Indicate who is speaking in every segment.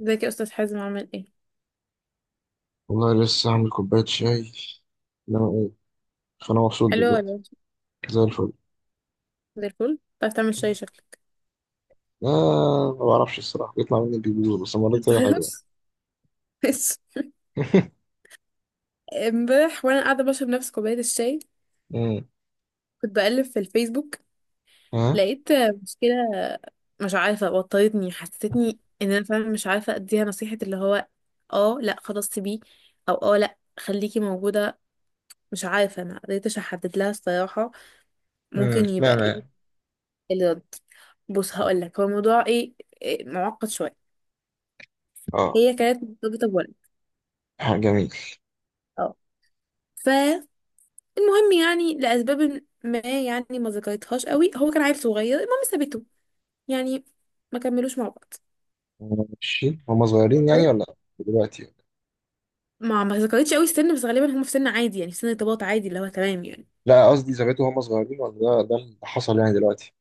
Speaker 1: ازيك يا استاذ حازم؟ عامل ايه؟
Speaker 2: والله لسه عامل كوباية شاي، انما ايه؟ فانا مبسوط
Speaker 1: حلو ولا
Speaker 2: دلوقتي.
Speaker 1: وحش؟
Speaker 2: زي الفل.
Speaker 1: زي الفل. بتعرف تعمل شاي شكلك.
Speaker 2: آه ما بعرفش الصراحة، بيطلع مني البيبي بس المرة دي طلع حلو يعني.
Speaker 1: متغيرش بس. امبارح وانا قاعده بشرب نفس كوبايه الشاي
Speaker 2: مم.
Speaker 1: كنت بقلب في الفيسبوك،
Speaker 2: ها.
Speaker 1: لقيت مشكله مش عارفه وترتني، حسستني ان انا فعلا مش عارفه اديها نصيحه. اللي هو اه لا خلاص سيبيه، او لا خليكي موجوده. مش عارفه، ما قدرتش احدد لها الصراحه ممكن
Speaker 2: لا
Speaker 1: يبقى ايه
Speaker 2: لا.
Speaker 1: الرد. بص هقول لك هو الموضوع ايه. معقد شويه.
Speaker 2: اه.
Speaker 1: هي كانت مرتبطه بولد.
Speaker 2: ها، جميل.
Speaker 1: اه المهم يعني لأسباب ما، يعني ما ذكرتهاش قوي، هو كان عيل صغير. المهم سابته، يعني ما كملوش مع بعض.
Speaker 2: ماشي، هما صغيرين يعني
Speaker 1: اوكي.
Speaker 2: ولا دلوقتي ولا؟
Speaker 1: ما ذكرتش قوي السن، بس غالبا هم في سن عادي، يعني في سن ارتباط عادي اللي هو تمام يعني.
Speaker 2: لا، قصدي زمان هما صغيرين ولا ده اللي حصل يعني دلوقتي؟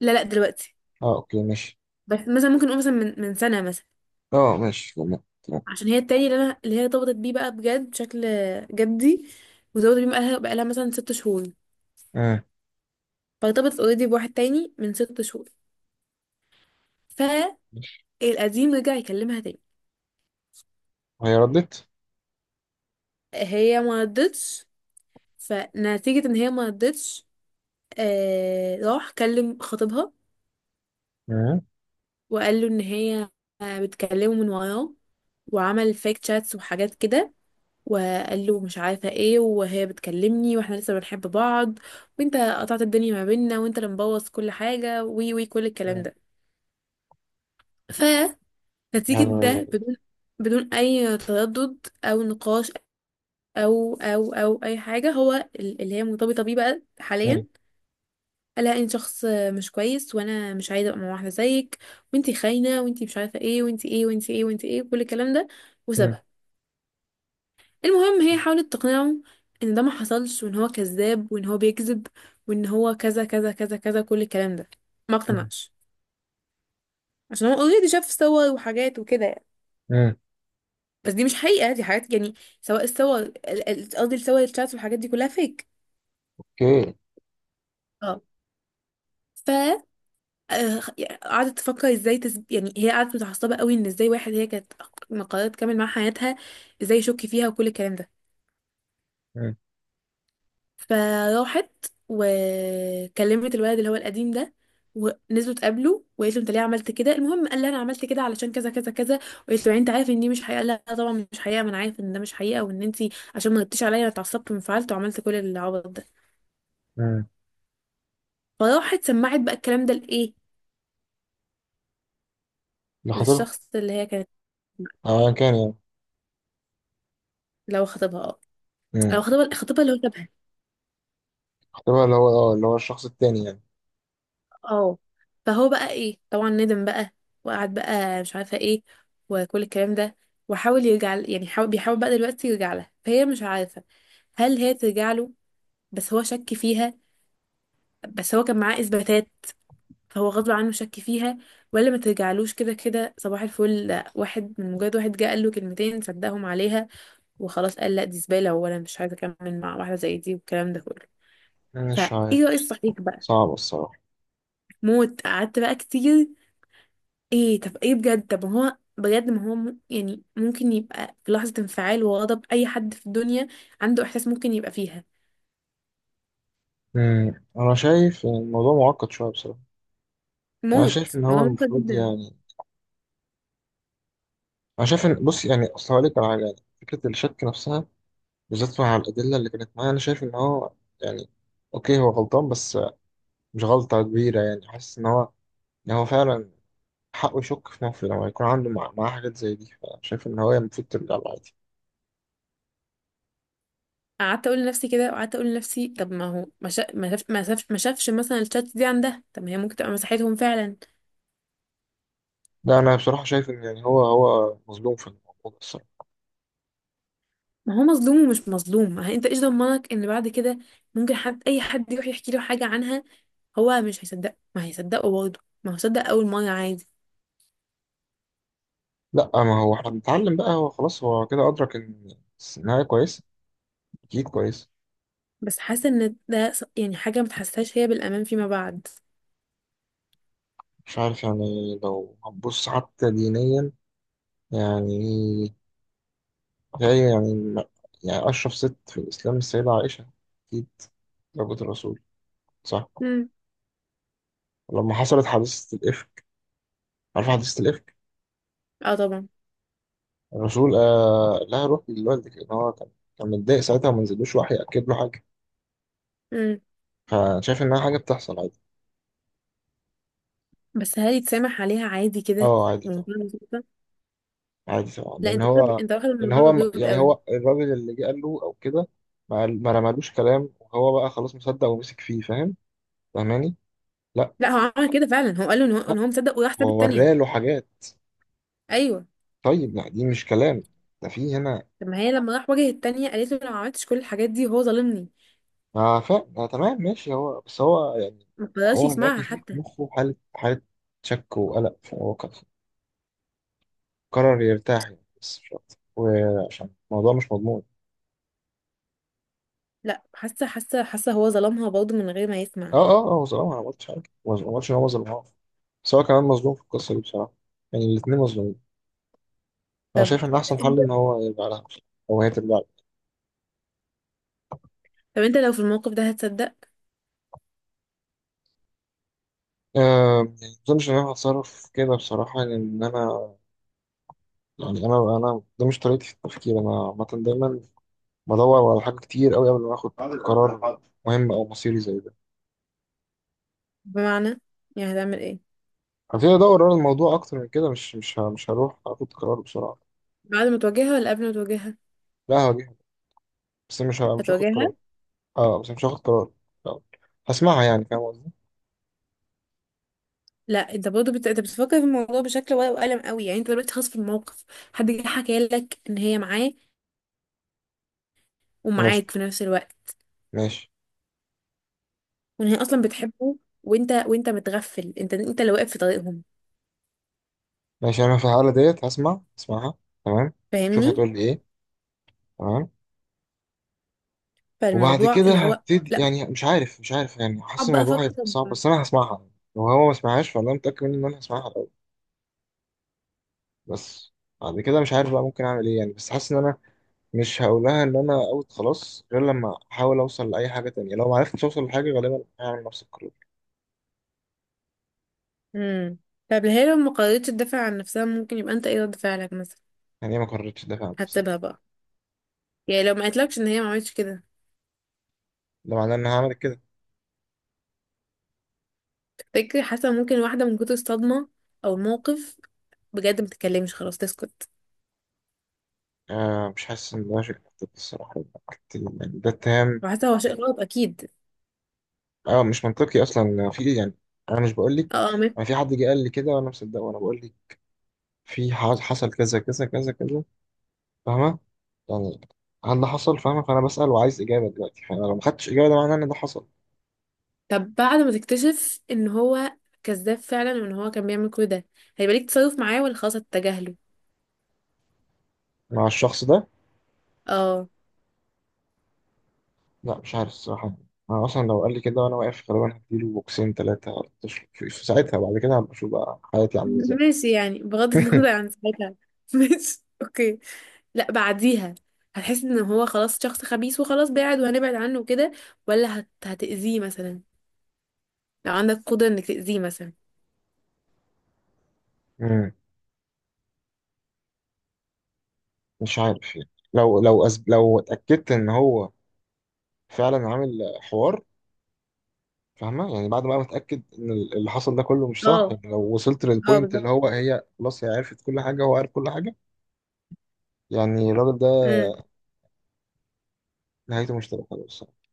Speaker 1: لا لا دلوقتي.
Speaker 2: اه اوكي ماشي.
Speaker 1: بس مثلا ممكن نقول مثلا من سنة مثلا.
Speaker 2: اه ماشي تمام تمام.
Speaker 1: عشان هي التاني اللي انا اللي هي ارتبطت بيه بقى بجد بشكل جدي، وارتبطت بيه بقالها مثلا ست شهور.
Speaker 2: امم.
Speaker 1: فارتبطت اوريدي بواحد تاني من ست شهور، فالقديم رجع يكلمها تاني.
Speaker 2: هي ردت؟
Speaker 1: هي ما ردتش. فنتيجة ان هي ما ردتش راح كلم خطيبها،
Speaker 2: امم.
Speaker 1: وقال له ان هي بتكلمه من وراه، وعمل فيك تشاتس وحاجات كده، وقال له مش عارفه ايه، وهي بتكلمني، واحنا لسه بنحب بعض، وانت قطعت الدنيا ما بيننا، وانت اللي مبوظ كل حاجه، وي وي كل الكلام
Speaker 2: لا،
Speaker 1: ده.
Speaker 2: لا،
Speaker 1: فنتيجه
Speaker 2: لا، لا.
Speaker 1: ده، بدون اي تردد او نقاش او اي حاجه، هو اللي هي مرتبطه بيه بقى
Speaker 2: امم.
Speaker 1: حاليا، لا انت شخص مش كويس، وانا مش عايزه ابقى مع واحده زيك، وانتي خاينه، وانتي مش عارفه ايه، وانتي ايه وانتي ايه وانتي ايه، كل الكلام ده،
Speaker 2: امم.
Speaker 1: وسابها. المهم هي حاولت تقنعه ان ده ما حصلش، وان هو كذاب، وان هو بيكذب، وان هو كذا كذا كذا كذا، كل الكلام ده. ما اقتنعش، عشان هو اوريدي شاف صور وحاجات وكده يعني.
Speaker 2: امم.
Speaker 1: بس دي مش حقيقه، دي حاجات يعني، سواء الصور قصدي الصور الشات والحاجات دي كلها فيك.
Speaker 2: اوكي.
Speaker 1: اه آه، قعدت تفكر ازاي يعني هي قعدت متعصبه قوي ان ازاي واحد، هي كانت قررت تكمل مع حياتها ازاي يشك فيها، وكل الكلام ده. فراحت وكلمت الولد اللي هو القديم ده، ونزلوا اتقابلوا، وقالت له انت ليه عملت كده؟ المهم قال لها انا عملت كده علشان كذا كذا كذا، وقالت له يعني انت عارف ان دي مش حقيقه؟ قال لها آه طبعا مش حقيقه، ما انا عارف ان ده مش حقيقه، وان انت عشان ما غبتيش عليا انا اتعصبت وانفعلت وعملت كل العبط ده.
Speaker 2: امم.
Speaker 1: فراحت سمعت بقى الكلام ده لايه،
Speaker 2: ده خطيبها؟
Speaker 1: للشخص اللي هي كانت.
Speaker 2: اه أيا كان يعني.
Speaker 1: لو خطيبها اه.
Speaker 2: امم.
Speaker 1: لو خطيبها اللي هو شبهها.
Speaker 2: احتمال اللي هو اه اللي هو الشخص التاني يعني.
Speaker 1: اه فهو بقى ايه، طبعا ندم بقى، وقعد بقى مش عارفه ايه، وكل الكلام ده، وحاول يرجع ل- يعني حاول بيحاول بقى دلوقتي يرجع لها. فهي مش عارفه هل هي ترجع له؟ بس هو شك فيها. بس هو كان معاه اثباتات، فهو غصب عنه شك فيها، ولا ما ترجعلوش كده كده؟ صباح الفل. لا، واحد من مجرد واحد جه قال له كلمتين صدقهم عليها، وخلاص قال لا دي زباله، وانا مش عايزه اكمل مع واحده زي دي، والكلام ده كله.
Speaker 2: مش
Speaker 1: فايه
Speaker 2: عارف.
Speaker 1: رأي الصحيح بقى؟
Speaker 2: صعب الصراحة.
Speaker 1: موت. قعدت بقى كتير ايه، طب ايه بجد؟ طب ما هو بجد، ما هو م- يعني ممكن يبقى في لحظة انفعال وغضب اي حد في الدنيا عنده احساس ممكن يبقى فيها.
Speaker 2: امم، انا شايف ان الموضوع معقد شوية بصراحة. انا شايف
Speaker 1: موت،
Speaker 2: ان هو
Speaker 1: الموضوع ممتع
Speaker 2: المفروض
Speaker 1: جدا.
Speaker 2: يعني، انا شايف ان بص يعني، اصل هقول لك على حاجة يعني. فكرة الشك نفسها، بالذات مع الأدلة اللي كانت معايا، انا شايف ان هو يعني اوكي هو غلطان بس مش غلطة كبيرة. يعني حاسس ان هو، ان هو فعلا حقه يشك في نفسه لما يكون عنده معاه حاجات زي دي. فشايف ان هو المفروض ترجع له عادي.
Speaker 1: قعدت اقول لنفسي كده، وقعدت اقول لنفسي طب ما هو ما شا... ما شاف... ما شاف... ما شافش مثلا الشات دي عندها. طب ما هي ممكن تبقى مساحتهم فعلا.
Speaker 2: ده انا بصراحة شايف ان يعني هو مظلوم في الموضوع ده.
Speaker 1: ما هو مظلوم ومش مظلوم. ما هي- انت ايش ضمنك ان بعد كده ممكن حد، اي حد، يروح يحكي له حاجة عنها، هو مش هيصدق؟ ما هيصدقه برضه، ما هو صدق اول مرة عادي.
Speaker 2: لا ما هو احنا بنتعلم بقى، هو خلاص هو كده أدرك إن النهاية كويس. أكيد كويس.
Speaker 1: بس حاسة ان ده حاجة ما تحسهاش هي بالامان فيما بعد.
Speaker 2: مش عارف يعني، لو هتبص حتى دينيا، يعني هي يعني، يعني أشرف ست في الإسلام السيدة عائشة، أكيد، زوجة الرسول، صح؟
Speaker 1: امم.
Speaker 2: لما حصلت حادثة الإفك، عارف حادثة الإفك؟
Speaker 1: اه طبعا.
Speaker 2: الرسول قال لها روح لوالدك، لأن هو كان كان متضايق ساعتها وما نزلوش وحي يأكد له حاجة.
Speaker 1: امم.
Speaker 2: فشايف إنها حاجة بتحصل عادي.
Speaker 1: بس هل يتسامح عليها عادي كده
Speaker 2: أه عادي طبعا.
Speaker 1: ومنتهى البساطة؟
Speaker 2: عادي طبعا،
Speaker 1: لا
Speaker 2: لان
Speaker 1: انت واخد،
Speaker 2: هو، لان
Speaker 1: الموضوع
Speaker 2: هو
Speaker 1: بجد
Speaker 2: يعني
Speaker 1: قوي.
Speaker 2: هو الراجل اللي جه قال له او كده، ما رمالوش كلام وهو بقى خلاص مصدق ومسك فيه. فاهم؟ فاهماني؟ لا.
Speaker 1: لا هو عمل كده فعلا، هو قال له ان هو،
Speaker 2: لا،
Speaker 1: ان هو مصدق، وراح ساب
Speaker 2: هو
Speaker 1: التانية.
Speaker 2: وراله حاجات.
Speaker 1: ايوه.
Speaker 2: طيب لا دي مش كلام، ده في هنا.
Speaker 1: طب ما هي لما راح واجه التانية قالت له لو ما عملتش كل الحاجات دي هو ظالمني.
Speaker 2: اه فاهم. آه تمام ماشي، هو بس هو يعني
Speaker 1: ما قدرش
Speaker 2: هو دلوقتي
Speaker 1: يسمعها
Speaker 2: فيه في
Speaker 1: حتى.
Speaker 2: مخه حالة شك وقلق، فهو قرر يرتاح يعني، بس مش أكتر. وعشان الموضوع مش مضمون.
Speaker 1: لا حاسه، حاسه هو ظلمها برضه من غير ما
Speaker 2: اه
Speaker 1: يسمع.
Speaker 2: اه اه، هو ظلمها، انا ما قلتش حاجه، ما قلتش ان هو ظلمها، بس هو كمان مظلوم في القصه دي بصراحه. يعني الاثنين مظلومين. أنا
Speaker 1: طب
Speaker 2: شايف إن أحسن حل
Speaker 1: انت،
Speaker 2: إن هو يبقى على هاف، أو هي تبقى على.
Speaker 1: لو في الموقف ده هتصدق؟
Speaker 2: أه يعني ما أظنش إن أنا هتصرف كده بصراحة، لأن أنا يعني أنا ده مش طريقتي في التفكير. أنا عامة دايما بدور على حاجة كتير أوي قبل ما آخد قرار مهم أو مصيري زي ده.
Speaker 1: بمعنى، يعني هتعمل ايه؟
Speaker 2: هبتدي أدور على الموضوع أكتر من كده، مش هروح آخد قرار بسرعة.
Speaker 1: بعد ما تواجهها ولا قبل ما تواجهها؟
Speaker 2: لا هواجهها، بس مش هاخد
Speaker 1: هتواجهها.
Speaker 2: قرار. أه بس مش هاخد قرار. لا. هسمعها، يعني فاهم قصدي؟
Speaker 1: لا انت برضه انت بتفكر في الموضوع بشكل ورق وقلم قوي. يعني انت دلوقتي خلاص في الموقف، حد جه حكى لك ان هي معاه
Speaker 2: ماشي.
Speaker 1: ومعاك في نفس الوقت،
Speaker 2: ماشي.
Speaker 1: وان هي اصلا بتحبه، وانت متغفل، انت اللي واقف في طريقهم،
Speaker 2: ماشي، أنا في الحالة ديت هسمع، هسمعها. تمام. شوف
Speaker 1: فاهمني؟
Speaker 2: هتقول لي إيه. تمام. وبعد
Speaker 1: فالموضوع
Speaker 2: كده
Speaker 1: اللي هو
Speaker 2: هبتدي،
Speaker 1: لا،
Speaker 2: يعني مش عارف مش عارف يعني، حاسس
Speaker 1: اقعد بقى
Speaker 2: الموضوع هيبقى
Speaker 1: افكر.
Speaker 2: صعب، بس انا هسمعها. لو هو ما سمعهاش فانا متاكد منه ان انا هسمعها الاول، بس بعد كده مش عارف بقى ممكن اعمل ايه يعني. بس حاسس ان انا مش هقول لها ان انا اوت خلاص غير لما احاول اوصل لاي حاجه تانية. لو ما عرفتش اوصل لحاجه غالبا هعمل نفس القرار.
Speaker 1: امم. طب هي لو ما قررتش تدافع عن نفسها ممكن يبقى انت ايه رد فعلك مثلا؟
Speaker 2: يعني هي ما قررتش تدافع عن نفسها،
Speaker 1: هتسيبها بقى؟ يعني لو ما قالتلكش ان هي ما عملتش كده.
Speaker 2: ده معناه ان أنا هعمل كده.
Speaker 1: تفتكري، حاسه ممكن واحده من كتر الصدمه او الموقف بجد ما تتكلمش خلاص، تسكت؟
Speaker 2: آه مش حاسس ان ده شيء منطقي الصراحه. يعني ده اتهام.
Speaker 1: وحاسه هو شيء غلط اكيد.
Speaker 2: اه مش منطقي اصلا في ايه يعني. انا مش بقول لك
Speaker 1: اه. 100%.
Speaker 2: انا في حد جه قال لي كده وانا مصدقه، وانا بقول لك في حصل كذا كذا كذا كذا. فاهمة يعني؟ هل ده حصل؟ فاهمة؟ فأنا بسأل وعايز إجابة دلوقتي، فأنا لو ما خدتش إجابة ده معناه إن ده حصل.
Speaker 1: طب بعد ما تكتشف ان هو كذاب فعلا، وان هو كان بيعمل كل ده، هيبقى ليك تصرف معاه ولا خلاص هتتجاهله؟
Speaker 2: مع الشخص ده؟
Speaker 1: اه.
Speaker 2: لا مش عارف الصراحة. أنا أصلا لو قال لي كده وأنا واقف غالبا هديله بوكسين تلاتة. في في ساعتها، بعد كده هبقى أشوف بقى حياتي عاملة إزاي.
Speaker 1: ماشي، يعني بغض النظر عن ساعتها. ماشي اوكي. لا بعديها، هتحس ان هو خلاص شخص خبيث وخلاص بعد، وهنبعد عنه وكده، ولا هتأذيه مثلا؟ لو عندك قدرة انك تأذيه مثلا.
Speaker 2: مم، مش عارف يعني، لو لو لو اتأكدت إن هو فعلا عامل حوار. فاهمة يعني؟ بعد بقى ما اتأكد إن اللي حصل ده كله مش صح،
Speaker 1: اه
Speaker 2: يعني لو وصلت
Speaker 1: اه
Speaker 2: للبوينت
Speaker 1: بالظبط.
Speaker 2: اللي هو هي خلاص هي عرفت كل حاجة، هو عارف كل حاجة، يعني الراجل ده
Speaker 1: امم.
Speaker 2: نهايته مش تبقى حلوه الصراحه.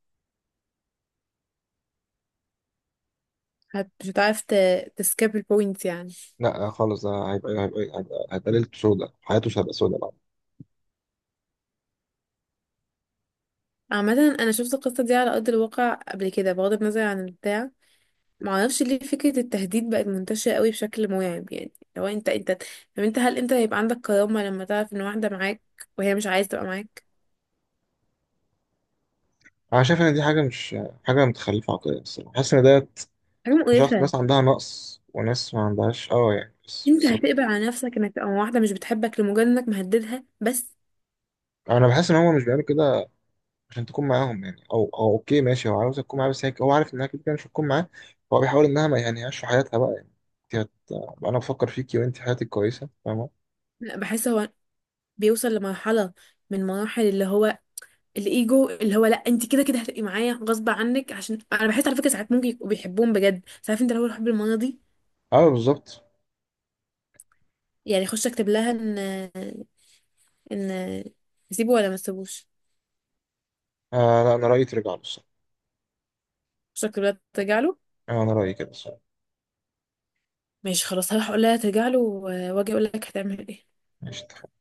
Speaker 1: مش هتعرف تسكيب البوينت يعني.
Speaker 2: لا خالص، ده هيبقى ليلته سودة، حياته مش هتبقى سودة بقى.
Speaker 1: عامة انا شفت القصة دي على ارض الواقع قبل كده، بغض النظر عن البتاع. معرفش ليه فكرة التهديد بقت منتشرة قوي بشكل مرعب. يعني لو انت انت طب انت، هل انت هيبقى عندك كرامة لما تعرف ان واحدة معاك وهي مش عايزة تبقى معاك؟
Speaker 2: انا شايف ان دي حاجه مش حاجه متخلفه عقليا الصراحه. بحس ان ده
Speaker 1: حاجة
Speaker 2: شخص،
Speaker 1: مقرفة.
Speaker 2: ناس عندها نقص وناس ما عندهاش اه يعني، بس
Speaker 1: انت
Speaker 2: بالظبط.
Speaker 1: هتقبل على نفسك انك تبقى مع واحدة مش بتحبك لمجرد انك مهددها بس؟
Speaker 2: انا بحس ان هو مش بيعمل كده عشان تكون معاهم يعني، او او اوكي ماشي هو عاوز تكون معاه، بس هي هو عارف انها كده كده مش هتكون معاه، فهو بيحاول انها ما يهنيهاش في حياتها بقى يعني. انت انا بفكر فيكي وانت حياتك كويسه فاهمه.
Speaker 1: لا بحس هو بيوصل لمرحلة من مراحل اللي هو الايجو، اللي هو لا انت كده كده هتبقي معايا غصب عنك. عشان انا بحس على فكرة ساعات ممكن يبقوا بيحبوهم بجد، ساعات انت لو الحب المرضي
Speaker 2: اه بالظبط.
Speaker 1: يعني. خش اكتب لها ان ان اسيبه ولا ما تسيبوش.
Speaker 2: آه لا انا رايي ترجع له الصراحه.
Speaker 1: خش اكتب لها ترجع له.
Speaker 2: آه انا رايي كده الصراحه.
Speaker 1: ماشي خلاص، هروح اقول لها ترجع له، واجي اقول لك هتعمل ايه.
Speaker 2: ماشي.